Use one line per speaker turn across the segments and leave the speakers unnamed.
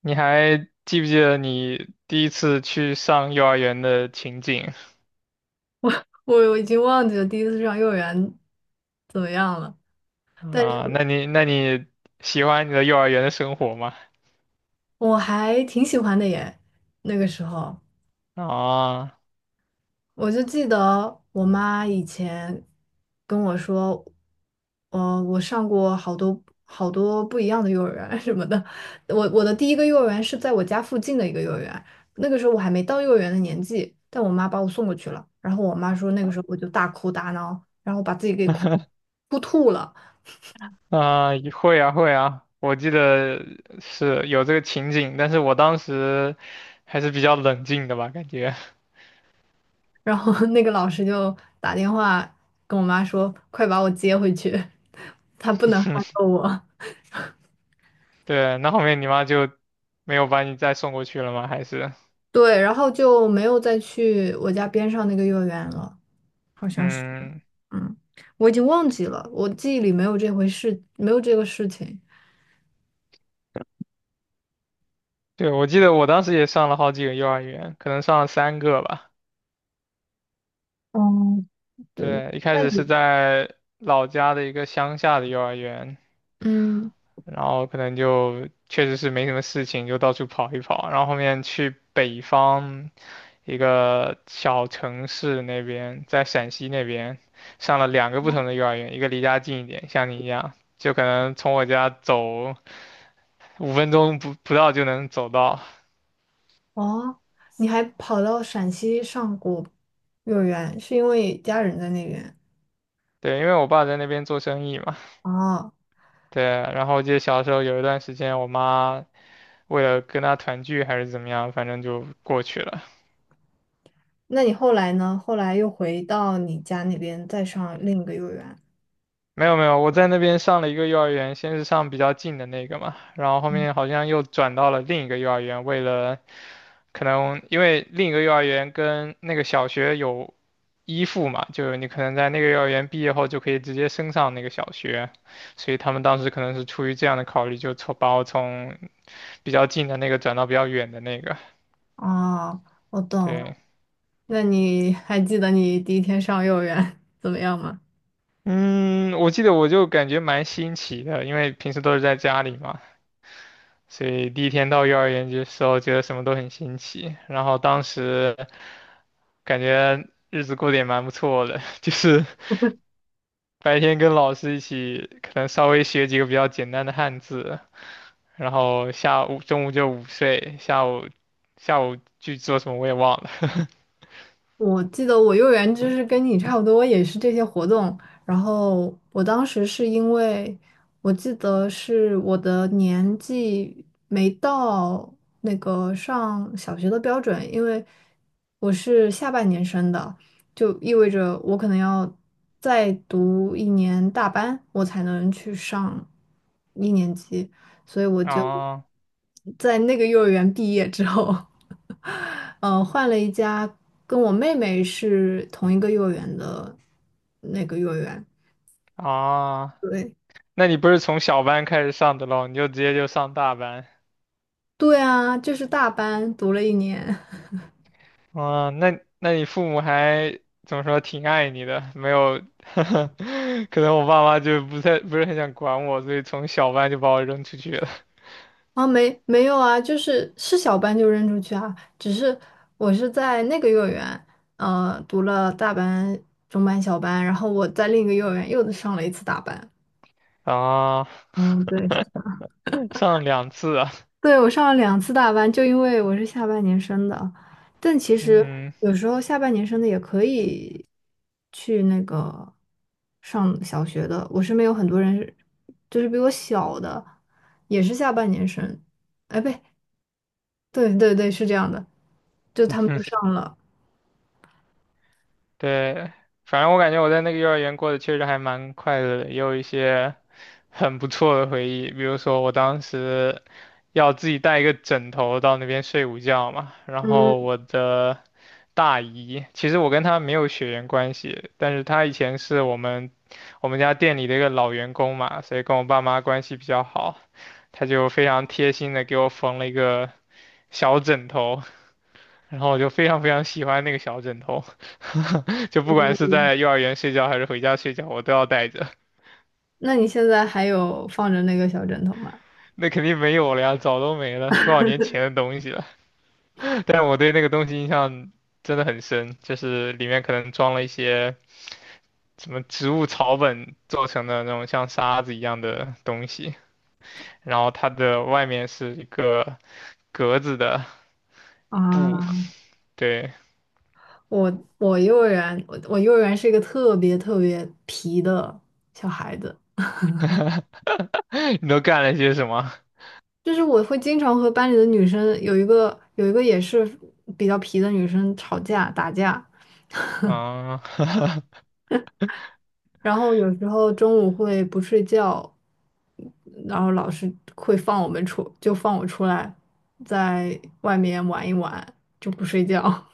你还记不记得你第一次去上幼儿园的情景？
我已经忘记了第一次上幼儿园怎么样了，但
啊？
是
那你喜欢你的幼儿园的生活吗？
我还挺喜欢的耶。那个时候，
啊
我就记得我妈以前跟我说，我上过好多好多不一样的幼儿园 什么的。我的第一个幼儿园是在我家附近的一个幼儿园，那个时候我还没到幼儿园的年纪，但我妈把我送过去了。然后我妈说，那个时候我就大哭大闹，然后把自己给哭吐了。
会啊会啊，我记得是有这个情景，但是我当时还是比较冷静的吧，感觉。
然后那个老师就打电话跟我妈说，快把我接回去，他不能害到我。
对，那后面你妈就没有把你再送过去了吗？还是
对，然后就没有再去我家边上那个幼儿园了，好像是，
嗯，
嗯，我已经忘记了，我记忆里没有这回事，没有这个事情。
对，我记得我当时也上了好几个幼儿园，可能上了3个吧。
嗯，对，
对，一开
那
始是
你，
在老家的一个乡下的幼儿园，
嗯，
然后可能就确实是没什么事情，就到处跑一跑，然后后面去北方一个小城市那边，在陕西那边上了2个不同的幼儿园，一个离家近一点，像你一样，就可能从我家走5分钟不到就能走到。
哦，你还跑到陕西上过幼儿园，是因为家人在那边？
对，因为我爸在那边做生意嘛，
哦。
对，然后我记得小时候有一段时间，我妈为了跟他团聚还是怎么样，反正就过去了。
那你后来呢？后来又回到你家那边再上另一个幼儿园。
没有没有，我在那边上了一个幼儿园，先是上比较近的那个嘛，然后后面好像又转到了另一个幼儿园，为了可能因为另一个幼儿园跟那个小学有依附嘛，就是你可能在那个幼儿园毕业后就可以直接升上那个小学，所以他们当时可能是出于这样的考虑，就从把我从比较近的那个转到比较远的那个，
哦，我懂了。
对。
那你还记得你第一天上幼儿园 怎么样吗？
嗯，我记得我就感觉蛮新奇的，因为平时都是在家里嘛，所以第一天到幼儿园的时候，觉得什么都很新奇。然后当时感觉日子过得也蛮不错的，就是白天跟老师一起，可能稍微学几个比较简单的汉字，然后下午中午就午睡，下午去做什么我也忘了。
我记得我幼儿园就是跟你差不多，也是这些活动。然后我当时是因为，我记得是我的年纪没到那个上小学的标准，因为我是下半年生的，就意味着我可能要再读一年大班，我才能去上一年级。所以我 就
啊
在那个幼儿园毕业之后，换了一家跟我妹妹是同一个幼儿园的那个幼儿园。
啊，
对，
那你不是从小班开始上的咯？你就直接就上大班？
对啊，就是大班读了一年。
啊，那那你父母还怎么说，挺爱你的，没有。可能我爸妈就不是很想管我，所以从小班就把我扔出去了。
啊，没没有啊，就是小班就扔出去啊，只是我是在那个幼儿园，读了大班、中班、小班，然后我在另一个幼儿园又上了一次大班。
啊，
嗯，对。
上2次啊，
对，我上了两次大班，就因为我是下半年生的。但其实
嗯，
有时候下半年生的也可以去那个上小学的。我身边有很多人是，就是比我小的，也是下半年生。哎，不对，对对，是这样的，就他们就上了。
对，反正我感觉我在那个幼儿园过得确实还蛮快乐的，也有一些很不错的回忆。比如说，我当时要自己带一个枕头到那边睡午觉嘛，然
嗯，
后我的大姨，其实我跟她没有血缘关系，但是她以前是我们家店里的一个老员工嘛，所以跟我爸妈关系比较好，她就非常贴心的给我缝了一个小枕头，然后我就非常非常喜欢那个小枕头，就不管是在幼儿园睡觉还是回家睡觉，我都要带着。
那你现在还有放着那个小枕头吗？
那肯定没有了呀，早都没了，多少年前的东西了。但我对那个东西印象真的很深，就是里面可能装了一些什么植物草本做成的那种像沙子一样的东西，然后它的外面是一个格子的布。
啊，
对，
我幼儿园，我幼儿园是一个特别特别皮的小孩子。
你都干了些什么？
就是我会经常和班里的女生有一个也是比较皮的女生吵架打架，
啊，
然后有时候中午会不睡觉，然后老师会放我们出，就放我出来，在外面玩一玩，就不睡觉。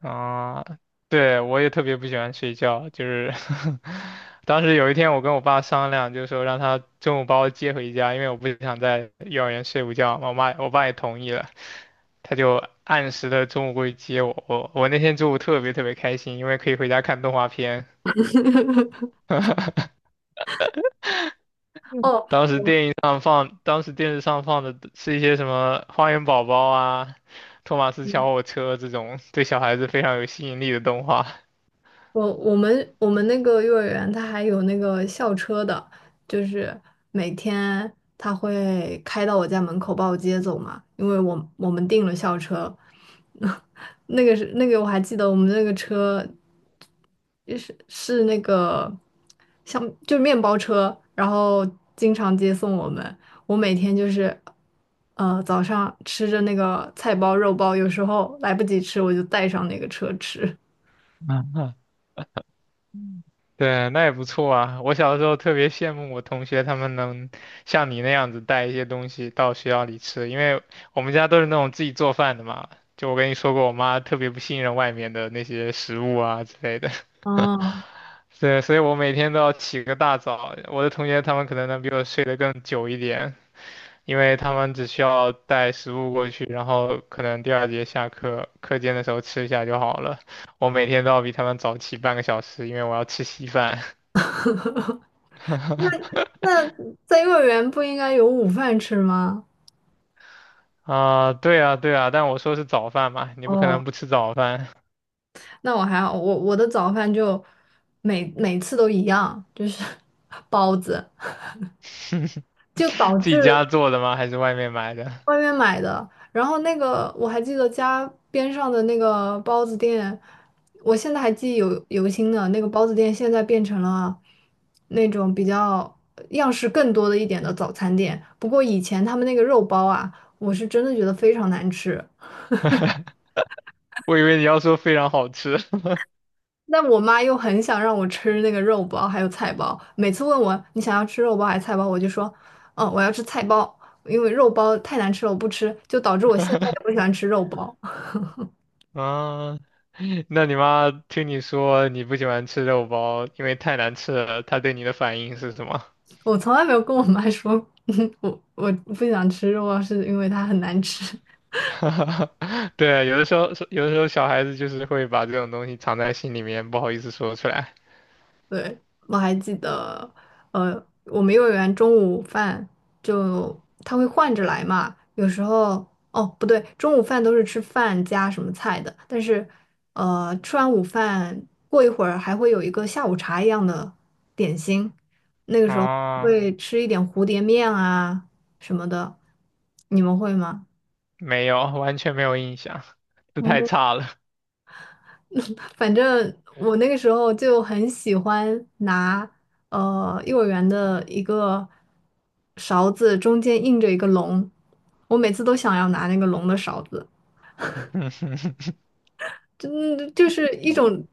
啊，对，我也特别不喜欢睡觉，就是 当时有一天我跟我爸商量，就是说让他中午把我接回家，因为我不想在幼儿园睡午觉嘛，我妈我爸也同意了，他就按时的中午过去接我。我那天中午特别特别开心，因为可以回家看动画片。
哦，
当时
我
电影上放，当时电视上放的是一些什么《花园宝宝》啊、《托马斯小火车》这种对小孩子非常有吸引力的动画。
我们那个幼儿园，它还有那个校车的，就是每天它会开到我家门口把我接走嘛，因为我们订了校车，那个是那个我还记得我们那个车就是那个像就是面包车，然后经常接送我们。我每天就是早上吃着那个菜包肉包，有时候来不及吃，我就带上那个车吃。
对，那也不错啊。我小时候特别羡慕我同学，他们能像你那样子带一些东西到学校里吃，因为我们家都是那种自己做饭的嘛。就我跟你说过，我妈特别不信任外面的那些食物啊之类的。
哦，
对，所以我每天都要起个大早。我的同学他们可能能比我睡得更久一点，因为他们只需要带食物过去，然后可能第2节下课课间的时候吃一下就好了。我每天都要比他们早起半个小时，因为我要吃稀饭。
那在幼儿园不应该有午饭吃吗？
啊，对啊，对啊，但我说是早饭嘛，你不可
哦，
能不吃早饭。
那我还好，我的早饭就每每次都一样，就是 包子，就导
自己家
致
做的吗？还是外面买的？
外面买的。然后那个我还记得家边上的那个包子店，我现在还记忆犹新呢。那个包子店现在变成了那种比较样式更多的一点的早餐店。不过以前他们那个肉包啊，我是真的觉得非常难吃。
我以为你要说非常好吃。
但我妈又很想让我吃那个肉包还有菜包，每次问我你想要吃肉包还是菜包，我就说，嗯，我要吃菜包，因为肉包太难吃了，我不吃，就导致我现在也不喜欢吃肉包。
啊，那你妈听你说你不喜欢吃肉包，因为太难吃了，她对你的反应是什么？
我从来没有跟我妈说，我不想吃肉包，是因为它很难吃。
对啊，有的时候，有的时候小孩子就是会把这种东西藏在心里面，不好意思说出来。
对，我还记得，呃，我们幼儿园中午饭就他会换着来嘛，有时候哦不对，中午饭都是吃饭加什么菜的，但是吃完午饭过一会儿还会有一个下午茶一样的点心，那个时候
啊，
会吃一点蝴蝶面啊什么的，你们会吗？
没有，完全没有印象，这太差了。
反正我那个时候就很喜欢拿幼儿园的一个勺子，中间印着一个龙，我每次都想要拿那个龙的勺子，真就是一种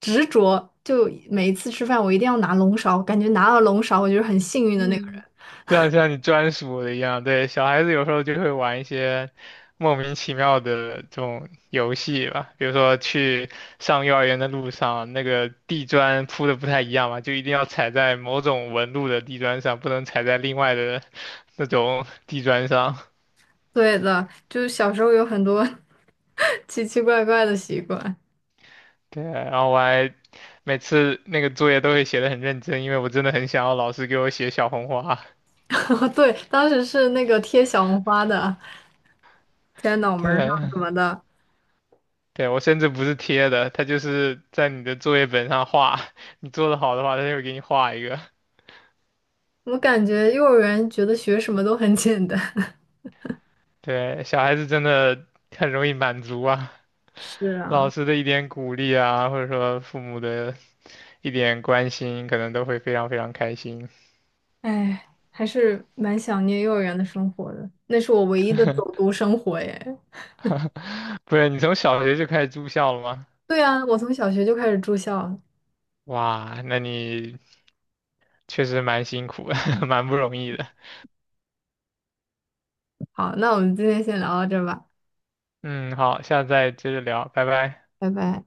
执着。就每一次吃饭，我一定要拿龙勺，感觉拿了龙勺，我就是很幸运的那个人。
嗯，像你专属的一样，对，小孩子有时候就会玩一些莫名其妙的这种游戏吧，比如说去上幼儿园的路上，那个地砖铺的不太一样嘛，就一定要踩在某种纹路的地砖上，不能踩在另外的那种 地砖上。
对的，就是小时候有很多 奇奇怪怪的习惯。
对，然后我还每次那个作业都会写的很认真，因为我真的很想要老师给我写小红花。
对，当时是那个贴小红花的，贴在脑门儿上
对，
什么的。
对，我甚至不是贴的，他就是在你的作业本上画，你做的好的话，他就会给你画一个。
我感觉幼儿园觉得学什么都很简单。
对，小孩子真的很容易满足啊，
是
老
啊，
师的一点鼓励啊，或者说父母的一点关心，可能都会非常非常开心。
哎，还是蛮想念幼儿园的生活的，那是我唯一的走读生活耶。
不是，你从小学就开始住校了吗？
对啊，我从小学就开始住校了。
哇，那你确实蛮辛苦的，蛮不容易的。
好，那我们今天先聊到这儿吧，
嗯，好，下次再接着聊，拜拜。
拜拜。